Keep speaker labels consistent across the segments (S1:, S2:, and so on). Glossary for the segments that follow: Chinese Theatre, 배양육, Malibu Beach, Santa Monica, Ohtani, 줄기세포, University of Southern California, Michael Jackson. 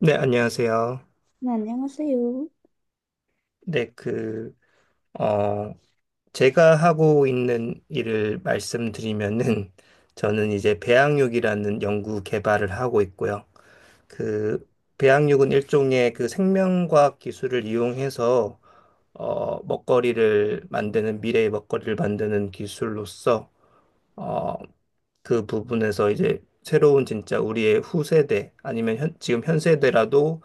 S1: 네, 안녕하세요.
S2: 네, 안녕하세요.
S1: 네, 어, 제가 하고 있는 일을 말씀드리면은, 저는 이제 배양육이라는 연구 개발을 하고 있고요. 그, 배양육은 일종의 그 생명과학 기술을 이용해서, 먹거리를 만드는, 미래의 먹거리를 만드는 기술로서, 어, 그 부분에서 이제 새로운 진짜 우리의 후세대, 아니면 지금 현 세대라도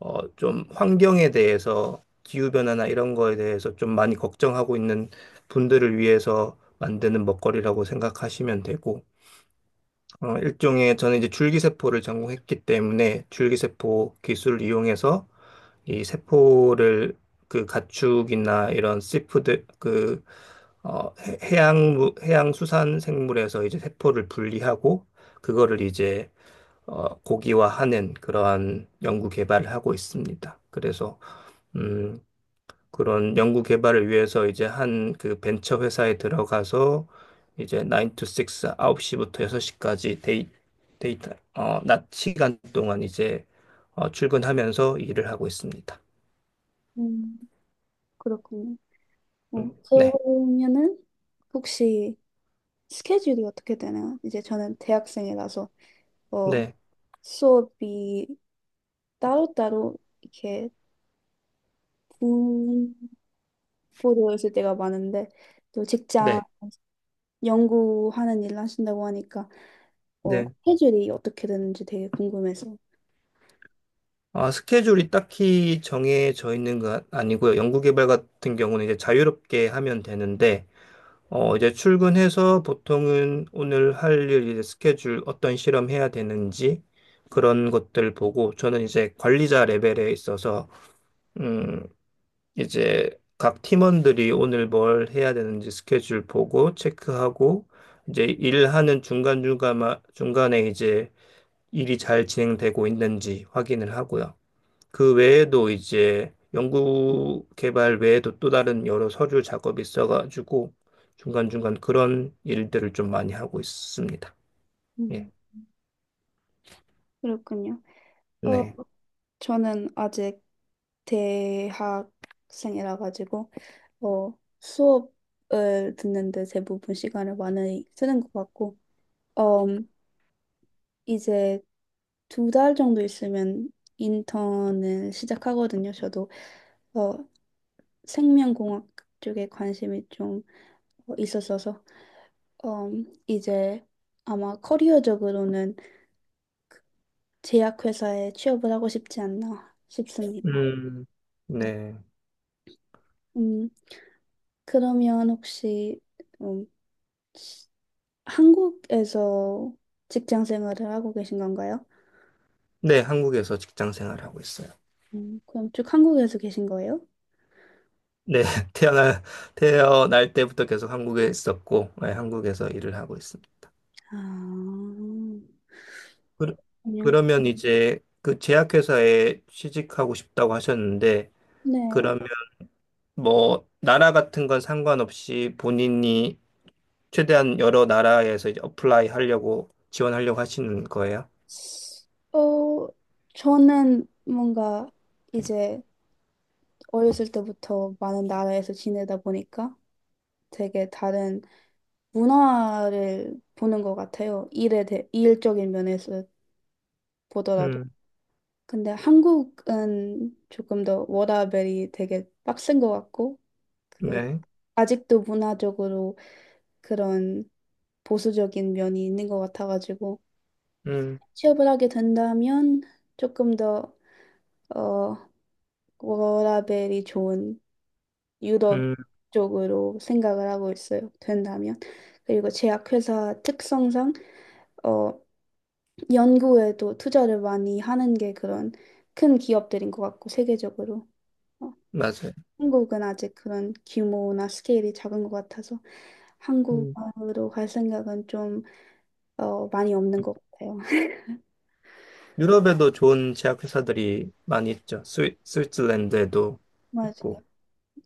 S1: 좀 환경에 대해서 기후변화나 이런 거에 대해서 좀 많이 걱정하고 있는 분들을 위해서 만드는 먹거리라고 생각하시면 되고, 일종의 저는 이제 줄기세포를 전공했기 때문에 줄기세포 기술을 이용해서 이 세포를 그 가축이나 이런 씨푸드 해양, 해양 수산 생물에서 이제 세포를 분리하고 그거를 이제 고기화하는 그러한 연구 개발을 하고 있습니다. 그래서 음, 그런 연구 개발을 위해서 이제 한 그 벤처 회사에 들어가서 이제 9 to 6, 9시부터 6시까지 데이터, 낮 시간 동안 이제 출근하면서 일을 하고 있습니다.
S2: 음, 그렇군요. 어,
S1: 네,
S2: 그러면은 혹시 스케줄이 어떻게 되나요? 이제 저는 대학생이라서 어,
S1: 네,
S2: 수업이 따로따로 이렇게 분포되어 있을 때가 많은데 또
S1: 네,
S2: 직장 연구하는 일을 하신다고 하니까
S1: 네.
S2: 스케줄이 어떻게 되는지 되게 궁금해서.
S1: 아, 스케줄이 딱히 정해져 있는 건 아니고요. 연구 개발 같은 경우는 이제 자유롭게 하면 되는데, 이제 출근해서 보통은 오늘 할 일, 이제 스케줄, 어떤 실험 해야 되는지 그런 것들 보고 저는 이제 관리자 레벨에 있어서, 음, 이제 각 팀원들이 오늘 뭘 해야 되는지 스케줄 보고 체크하고 이제 일하는 중간중간, 중간에 이제 일이 잘 진행되고 있는지 확인을 하고요. 그 외에도 이제 연구 개발 외에도 또 다른 여러 서류 작업이 있어가지고 중간중간 그런 일들을 좀 많이 하고 있습니다. 예.
S2: 음, 그렇군요. 어,
S1: 네.
S2: 저는 아직 대학생이라 가지고 어, 수업을 듣는데 대부분 시간을 많이 쓰는 것 같고 음, 이제 두 달 정도 있으면 인턴을 시작하거든요. 저도 어, 생명공학 쪽에 관심이 좀 있었어서 이제 아마 커리어적으로는 제약회사에 취업을 하고 싶지 않나 싶습니다.
S1: 음, 네.
S2: 음, 그러면 혹시 음, 한국에서 직장 생활을 하고 계신 건가요?
S1: 네, 한국에서 직장 생활하고 있어요.
S2: 그럼 쭉 한국에서 계신 거예요?
S1: 네, 태어날, 태어날 때부터 계속 한국에 있었고, 네, 한국에서 일을 하고 있습니다.
S2: 아,
S1: 그,
S2: 아니요
S1: 그러면 이제 그 제약회사에 취직하고 싶다고 하셨는데,
S2: 네.
S1: 그러면 뭐, 나라 같은 건 상관없이 본인이 최대한 여러 나라에서 이제 어플라이 하려고 지원하려고 하시는 거예요?
S2: 어, 저는 뭔가 이제 어렸을 때부터 많은 나라에서 지내다 보니까 되게 다른 문화를 보는 것 같아요. 일에 대, 일적인 면에서 보더라도.
S1: 음,
S2: 근데 한국은 조금 더 워라밸이 되게 빡센 것 같고, 그
S1: 네.
S2: 아직도 문화적으로 그런 보수적인 면이 있는 것 같아가지고
S1: 음,
S2: 취업을 하게 된다면 조금 더 어, 워라밸이 좋은 유럽
S1: 음,
S2: 쪽으로 생각을 하고 있어요. 된다면. 그리고 제약회사 특성상 어, 연구에도 투자를 많이 하는 게 그런 큰 기업들인 것 같고 세계적으로. 어,
S1: 맞아요.
S2: 한국은 아직 그런 규모나 스케일이 작은 것 같아서
S1: 음.
S2: 한국으로 갈 생각은 좀 많이 없는 것 같아요.
S1: 유럽에도 좋은 제약 회사들이 많이 있죠. 스위스랜드에도
S2: 맞아요.
S1: 있고.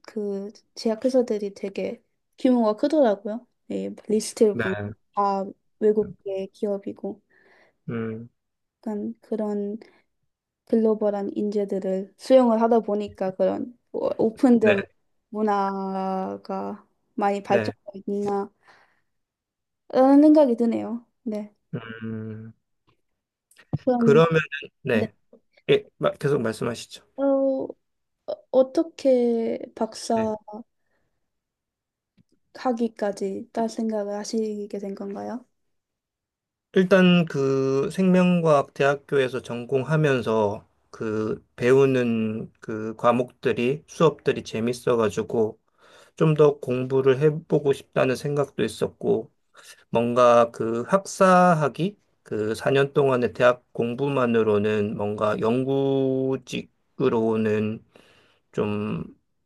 S2: 그 제약회사들이 되게 규모가 크더라고요. 이 리스트를 보면
S1: 네.
S2: 다 외국계 기업이고
S1: 음,
S2: 약간 그런 글로벌한 인재들을 수용을 하다 보니까
S1: 네.
S2: 오픈된 문화가 많이
S1: 네.
S2: 발전되어 있나라는 생각이 드네요. 네.
S1: 음,
S2: 그럼
S1: 그러면
S2: 네.
S1: 네. 예, 계속 말씀하시죠.
S2: 어, 어, 어떻게
S1: 네.
S2: 박사 학위까지 딸 생각을 하시게 된 건가요?
S1: 일단 그 생명과학 대학교에서 전공하면서 그 배우는 그 과목들이 수업들이 재밌어가지고 좀 더 공부를 해보고 싶다는 생각도 있었고, 뭔가 그 학사학위, 그 4년 동안의 대학 공부만으로는 뭔가 연구직으로는 좀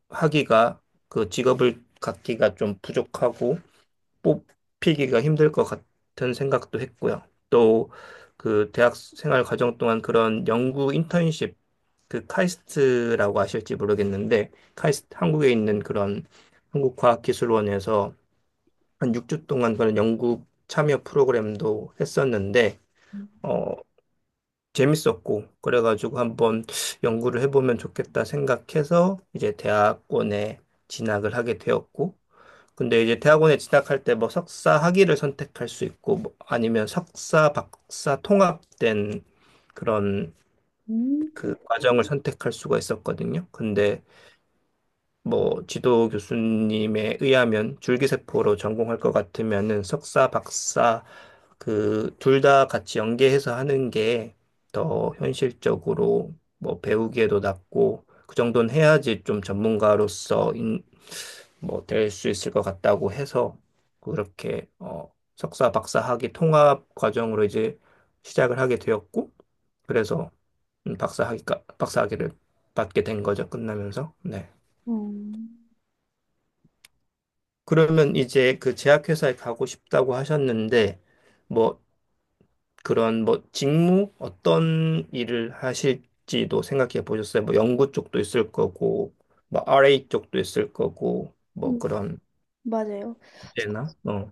S1: 하기가, 그 직업을 갖기가 좀 부족하고, 뽑히기가 힘들 것 같은 생각도 했고요. 또 그 대학 생활 과정 동안 그런 연구 인턴십 그 카이스트라고 아실지 모르겠는데 카이스트 한국에 있는 그런 한국과학기술원에서 한 6주 동안 그런 연구 참여 프로그램도 했었는데 어 재밌었고 그래가지고 한번 연구를 해보면 좋겠다 생각해서 이제 대학원에 진학을 하게 되었고 근데 이제 대학원에 진학할 때 뭐 석사 학위를 선택할 수 있고 뭐 아니면 석사 박사 통합된 그런
S2: 음.
S1: 그 과정을 선택할 수가 있었거든요. 근데 뭐 지도 교수님에 의하면 줄기세포로 전공할 것 같으면은 석사 박사 그 둘 다 같이 연계해서 하는 게 더 현실적으로 뭐 배우기에도 낫고 그 정도는 해야지 좀 전문가로서 뭐 될 수 있을 것 같다고 해서 그렇게 석사 박사 학위 통합 과정으로 이제 시작을 하게 되었고 그래서 박사 학위를 받게 된 거죠. 끝나면서. 네.
S2: 음.
S1: 그러면 이제 그 제약회사에 가고 싶다고 하셨는데 뭐 그런 뭐 직무 어떤 일을 하실지도 생각해 보셨어요? 뭐 연구 쪽도 있을 거고 뭐 RA 쪽도 있을 거고 뭐
S2: 음,
S1: 그런
S2: 맞아요.
S1: 제나 어.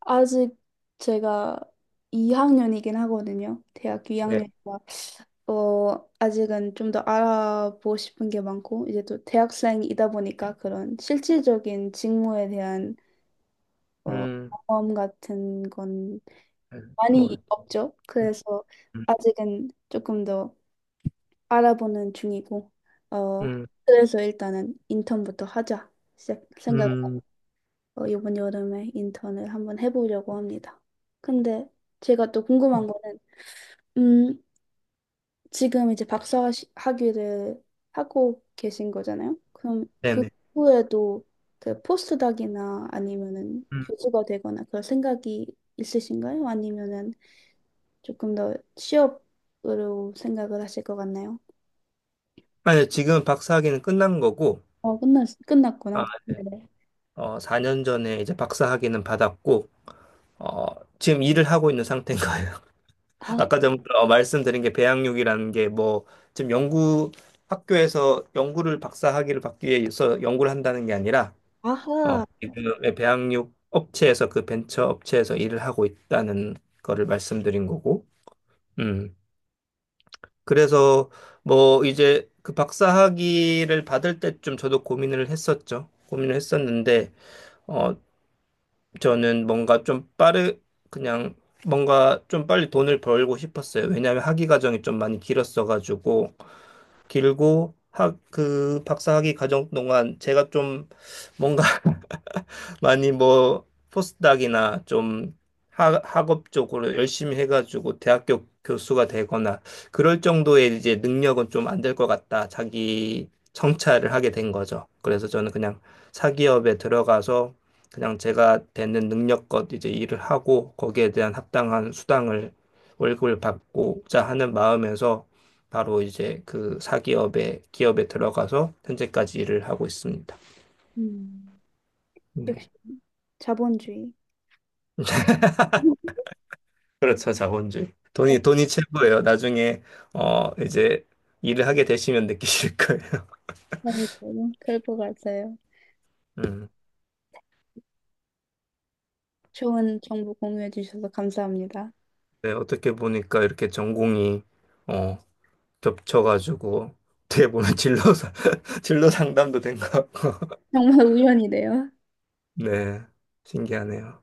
S2: 아직 제가 2학년이긴 하거든요. 대학
S1: 네.
S2: 2학년이라 어 아직은 좀 더 알아보고 싶은 게 많고 이제 또 대학생이다 보니까 그런 실질적인 직무에 대한 어
S1: 음.
S2: 경험 같은 건 많이
S1: 모르.
S2: 없죠. 그래서
S1: 음,
S2: 아직은 조금 더 알아보는 중이고 어
S1: 음,
S2: 그래서 일단은 인턴부터 하자 시작 생각.
S1: 음,
S2: 이번 여름에 인턴을 한번 해보려고 합니다. 근데 제가 또 궁금한 거는, 음, 지금 이제 박사 학위를 하고 계신 거잖아요? 그럼 그
S1: 네네.
S2: 후에도 그 포스닥이나 아니면은
S1: 음.
S2: 교수가 되거나 그럴 생각이 있으신가요? 아니면은 조금 더 취업으로 생각을 하실 것 같나요?
S1: 아니, 지금 박사학위는 끝난 거고,
S2: 끝났구나.
S1: 아,
S2: 네네.
S1: 어, 4년 전에 이제 박사학위는 받았고, 어, 지금 일을 하고 있는 상태인 거예요.
S2: 아,
S1: 아까 전부터 말씀드린 게 배양육이라는 게 뭐, 지금 연구, 학교에서 연구를 박사학위를 받기 위해서 연구를 한다는 게 아니라,
S2: 아하.
S1: 지금 배양육 업체에서 그 벤처 업체에서 일을 하고 있다는 거를 말씀드린 거고, 음. 그래서 뭐 이제 그 박사 학위를 받을 때쯤 저도 고민을 했었죠. 고민을 했었는데 어 저는 뭔가 좀 빠르 그냥 뭔가 좀 빨리 돈을 벌고 싶었어요. 왜냐하면 학위 과정이 좀 많이 길었어가지고 그 박사학위 과정 동안 제가 좀 뭔가 많이 뭐 포스닥이나 좀 학 학업 쪽으로 열심히 해가지고 대학교 교수가 되거나 그럴 정도의 이제 능력은 좀 안 될 것 같다. 자기 성찰을 하게 된 거죠. 그래서 저는 그냥 사기업에 들어가서 그냥 제가 되는 능력껏 이제 일을 하고 거기에 대한 합당한 수당을 월급을 받고자 하는 마음에서 바로 이제 그 기업에 들어가서 현재까지 일을 하고 있습니다.
S2: 음, 역시
S1: 네.
S2: 자본주의.
S1: 그렇죠, 자본주의. 돈이 최고예요. 나중에, 이제 일을 하게 되시면 느끼실 거예요.
S2: 아이고, 그럴 것 같아요.
S1: 음.
S2: 좋은 정보 공유해 주셔서 감사합니다.
S1: 네, 어떻게 보니까 이렇게 전공이, 어, 겹쳐가지고, 어떻게 보면 진로 상담도 된 것 같고.
S2: 정말 우연이네요.
S1: 네, 신기하네요.